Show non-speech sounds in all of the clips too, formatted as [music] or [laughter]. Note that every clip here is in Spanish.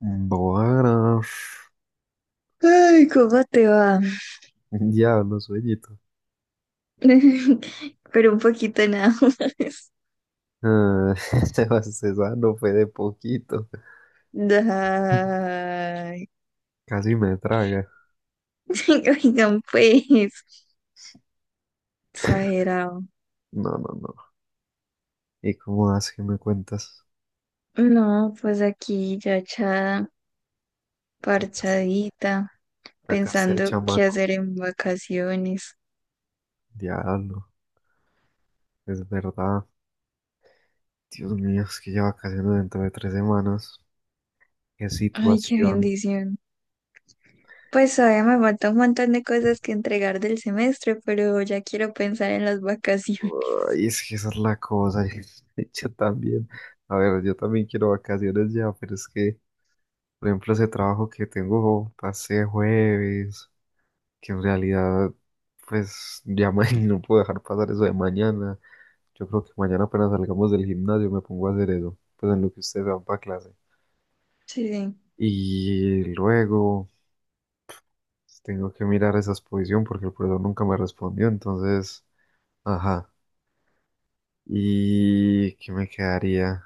Bueno, Ay, ¿cómo te va? [laughs] diablo, sueñito. [laughs] Pero un poquito nada más. Ah, [laughs] esa no fue de poquito. Ay, Casi me traga. [laughs] oigan, pues, exagerado. No, no, no. ¿Y cómo vas que me cuentas? No, pues aquí ya echada, Sacaste, parchadita, sacaste al pensando qué chamaco. hacer en vacaciones. Diablo, es verdad. Dios mío, es que ya vacaciones dentro de 3 semanas. Qué Ay, qué situación. bendición. Pues todavía me falta un montón de cosas que entregar del semestre, pero ya quiero pensar en las vacaciones. Ay, es que esa es la cosa. [laughs] Yo también. A ver, yo también quiero vacaciones ya, pero es que, por ejemplo, ese trabajo que tengo pasé jueves. Que en realidad, pues ya [laughs] no puedo dejar pasar eso de mañana. Yo creo que mañana apenas salgamos del gimnasio me pongo a hacer eso, pues en lo que ustedes van para clase. [laughs] Sí, sí. Y luego pues, tengo que mirar esa exposición porque el profesor nunca me respondió, entonces, ajá. ¿Y qué me quedaría?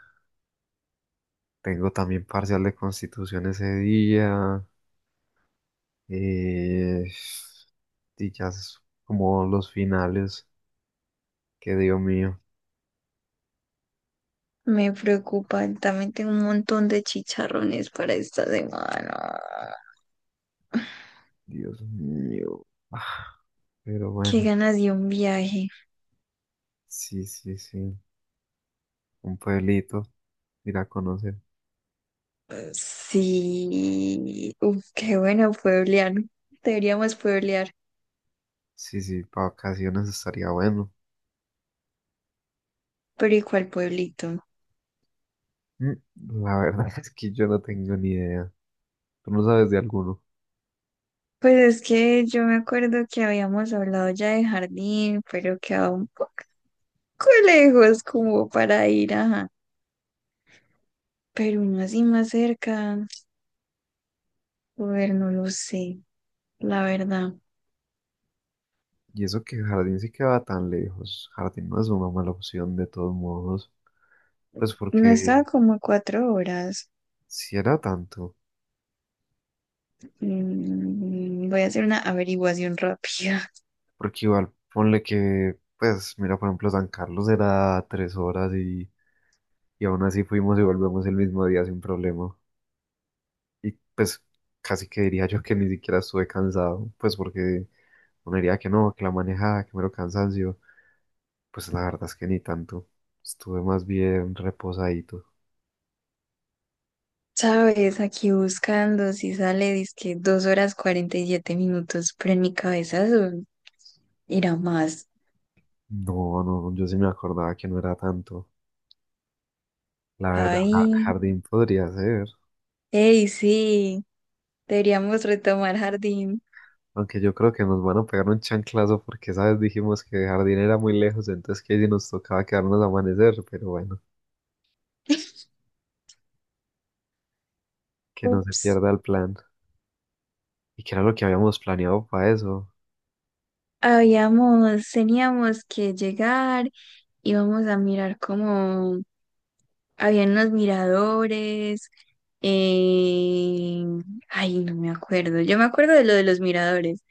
Tengo también parcial de constitución ese día. eh, y ya es como los finales. Que Dios mío, Me preocupa, también tengo un montón de chicharrones para esta semana. Dios mío. Pero Qué bueno, ganas de un viaje. sí, sí, sí. Un pueblito, ir a conocer. Sí, uf, qué bueno pueblear. Deberíamos pueblear, Sí, sí, para vacaciones estaría bueno. pero ¿y cuál pueblito? Mm, La verdad [laughs] es que yo no tengo ni idea. Tú no sabes de alguno. Pues es que yo me acuerdo que habíamos hablado ya de Jardín, pero quedaba un poco lejos como para ir, ajá. Pero uno así más cerca, joder, no lo sé, la verdad. Y eso que Jardín sí queda tan lejos. Jardín no es una mala opción de todos modos. Pues No estaba porque como a 4 horas. si era tanto. Mm, voy a hacer una averiguación rápida. [laughs] Porque igual, ponle que, pues, mira, por ejemplo, San Carlos era 3 horas y aún así fuimos y volvemos el mismo día sin problema. Y pues casi que diría yo que ni siquiera estuve cansado, pues porque uno diría que no, que la manejada, que mero cansancio. Pues la verdad es que ni tanto. Estuve más bien reposadito. Sabes, aquí buscando si sale, dizque 2 horas 47 minutos, pero en mi cabeza eso era más. No, no, yo sí me acordaba que no era tanto. La verdad, ja- Ay, jardín podría ser. hey, sí, deberíamos retomar Jardín. Aunque yo creo que nos van a pegar un chanclazo porque, ¿sabes? Dijimos que Jardín era muy lejos, entonces que si nos tocaba quedarnos a amanecer, pero bueno, que no se Ups, pierda el plan. ¿Y qué era lo que habíamos planeado para eso? Teníamos que llegar, íbamos a mirar como habían unos miradores. eh, Ay, no me acuerdo. Yo me acuerdo de lo de los miradores.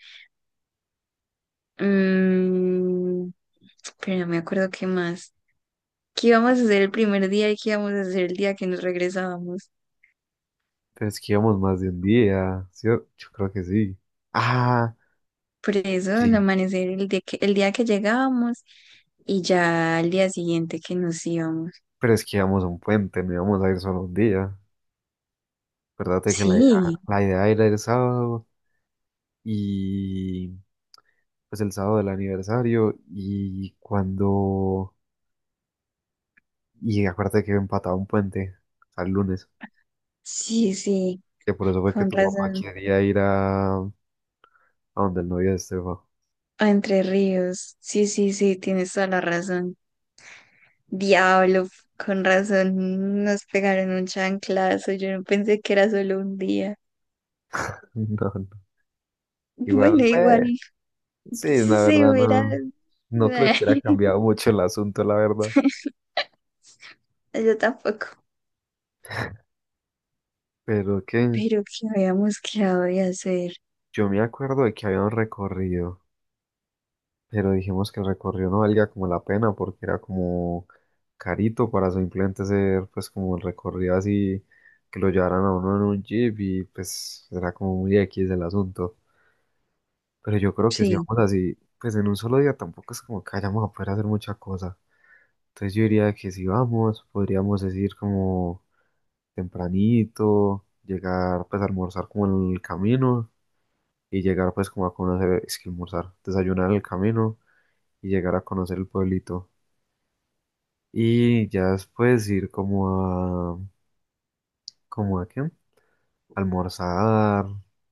Mm, pero no me acuerdo qué más. ¿Qué íbamos a hacer el primer día y qué íbamos a hacer el día que nos regresábamos? Pero es que íbamos más de un día, ¿sí? Yo creo que sí. Ah, Por eso, el sí. amanecer, el día que llegábamos y ya al día siguiente que nos íbamos. Pero es que íbamos a un puente, no íbamos a ir solo un día. Acuérdate que Sí, la idea era el sábado y pues el sábado del aniversario y cuando... Y acuérdate que empataba un puente al lunes, sí, sí, que por eso fue que con tu papá razón. quería ir a donde el novio de Esteban. A Entre Ríos, sí, sí, sí, tienes toda la razón. Diablo, con razón, nos pegaron un chanclazo. Yo no pensé que era solo un día. [laughs] No, no. Igual, Bueno, igual, pues, sí, si la se verdad hubiera... no. No creo que hubiera [laughs] cambiado mucho el asunto, la verdad. Yo tampoco. Pero qué. Pero que habíamos quedado de hacer. Yo me acuerdo de que había un recorrido, pero dijimos que el recorrido no valía como la pena porque era como carito para simplemente ser pues como el recorrido así que lo llevaran a uno en un jeep y pues era como muy X el asunto. Pero yo creo que si Sí, vamos así, pues en un solo día tampoco es como que vayamos a poder hacer mucha cosa. Entonces yo diría que si vamos, podríamos decir como tempranito, llegar pues a almorzar como en el camino y llegar pues como a conocer, es que almorzar, desayunar en el camino y llegar a conocer el pueblito. Y ya después ir como a, ¿como a qué? Almorzar,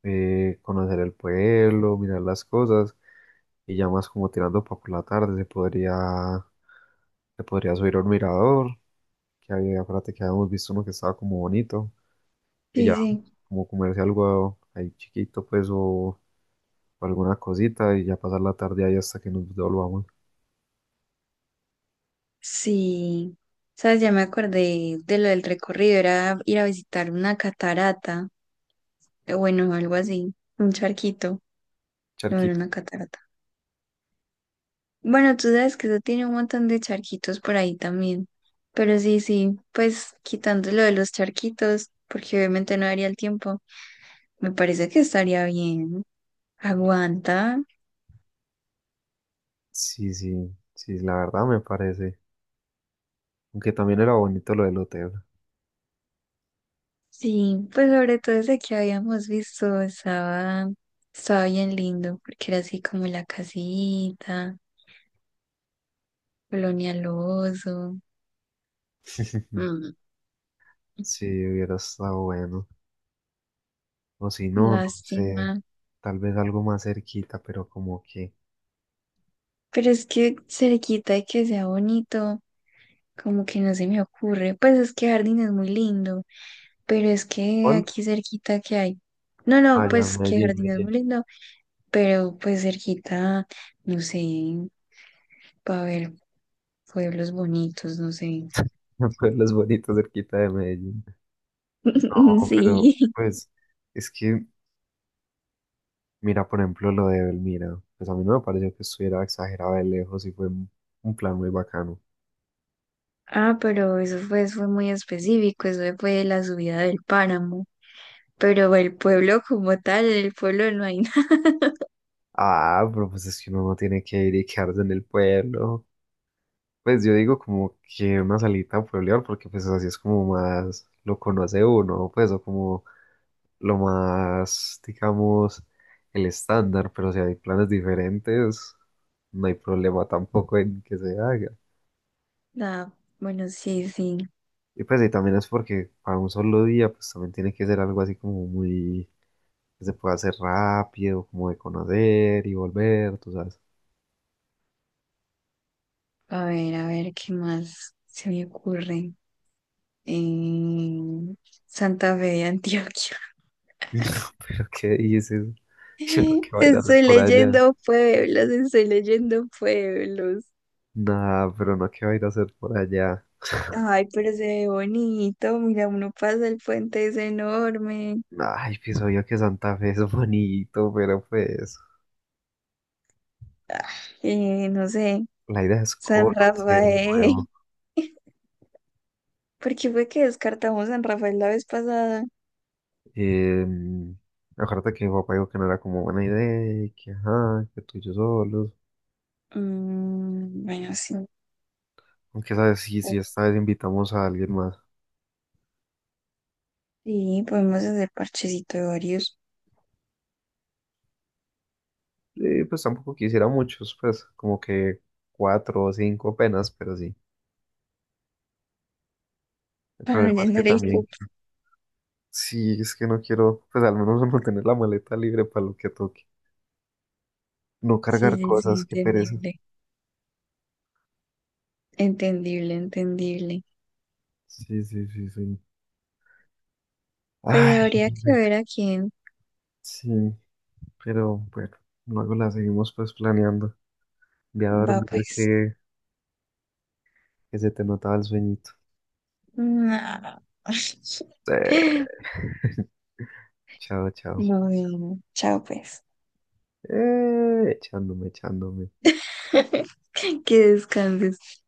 conocer el pueblo, mirar las cosas y ya más como tirando para por la tarde se podría subir a un mirador, que había, acuérdate que habíamos visto uno que estaba como bonito y sí, ya sí. como comerse algo ahí chiquito pues o alguna cosita y ya pasar la tarde ahí hasta que nos volvamos. Sí. ¿Sabes? Ya me acordé de lo del recorrido. Era ir a visitar una catarata. Bueno, algo así. Un charquito. No era Charquito. una catarata. Bueno, tú sabes que eso tiene un montón de charquitos por ahí también. Pero sí, sí. Pues quitando lo de los charquitos, porque obviamente no daría el tiempo. Me parece que estaría bien. Aguanta. Sí, sí, sí, la verdad me parece. Aunque también era bonito lo del hotel. Sí, pues sobre todo ese que habíamos visto estaba, estaba bien lindo, porque era así como la casita, Colonial Oso. [laughs] Mm, Sí, hubiera estado bueno. O si no, no sé, lástima. tal vez algo más cerquita, pero como que... Pero es que cerquita de que sea bonito, como que no se me ocurre. Pues es que Jardín es muy lindo, pero es que ¿Cuál? aquí cerquita que hay. No, no, Ah, ya, pues que Medellín, Jardín es Medellín. muy lindo, pero pues cerquita, no sé, para ver pueblos bonitos, no sé. [laughs] Pueblos bonitos cerquita de Medellín. [laughs] No, pero Sí. pues es que, mira, por ejemplo, lo de Belmira, pues a mí no me pareció que estuviera exagerado de lejos y fue un plan muy bacano. Ah, pero eso fue muy específico, eso fue la subida del páramo. Pero el pueblo como tal, el pueblo no hay [laughs] Ah, pero pues es que uno no tiene que ir y quedarse en el pueblo. Pues yo digo como que una salita a pueblear, porque pues así es como más lo conoce uno, pues, o como lo más, digamos, el estándar, pero si hay planes diferentes, no hay problema tampoco en que se haga. nada. Bueno, sí, sí. Y pues y también es porque para un solo día, pues también tiene que ser algo así como muy, que se pueda hacer rápido, como de conocer y volver, tú sabes. A ver, ¿qué más se me ocurre? En Santa Fe de Antioquia. [laughs] ¿Qué dices? [laughs] [laughs] ¿Qué va a ir a hacer Estoy por allá? leyendo pueblos, estoy leyendo pueblos. Nada, pero no, ¿qué va a ir a hacer por allá? Ay, pero se ve bonito. Mira, uno pasa el puente, es enorme. Ay, pienso yo que Santa Fe es bonito, pero pues Ah, no sé, la idea es San conocer Rafael. nuevo. Porque fue que descartamos en Rafael la vez pasada. Eh, Acuérdate que mi papá dijo que no era como buena idea, y que ajá, que tú y yo solos. Mm, bueno, sí. Aunque sabes, sí, sí, esta vez invitamos a alguien más. Sí, podemos hacer parchecito de varios Pues tampoco quisiera muchos, pues como que cuatro o cinco apenas, pero sí. [laughs] El para no problema es que llenar el también, cupo. sí, es que no quiero, pues al menos [laughs] no tener la maleta libre para lo que toque. No Sí, cargar sí, sí, cosas, qué pereza. entendible. Entendible, entendible. Sí, sí, sí, sí. Pues Ay, no, habría que hombre. ver a quién Sí, pero bueno, luego la seguimos pues planeando. Voy a va, dormir pues. que se te notaba el sueñito. No. [laughs] [laughs] Chao, chao. No, no, no. Chao, pues. Echándome, echándome. [laughs] Que descanses.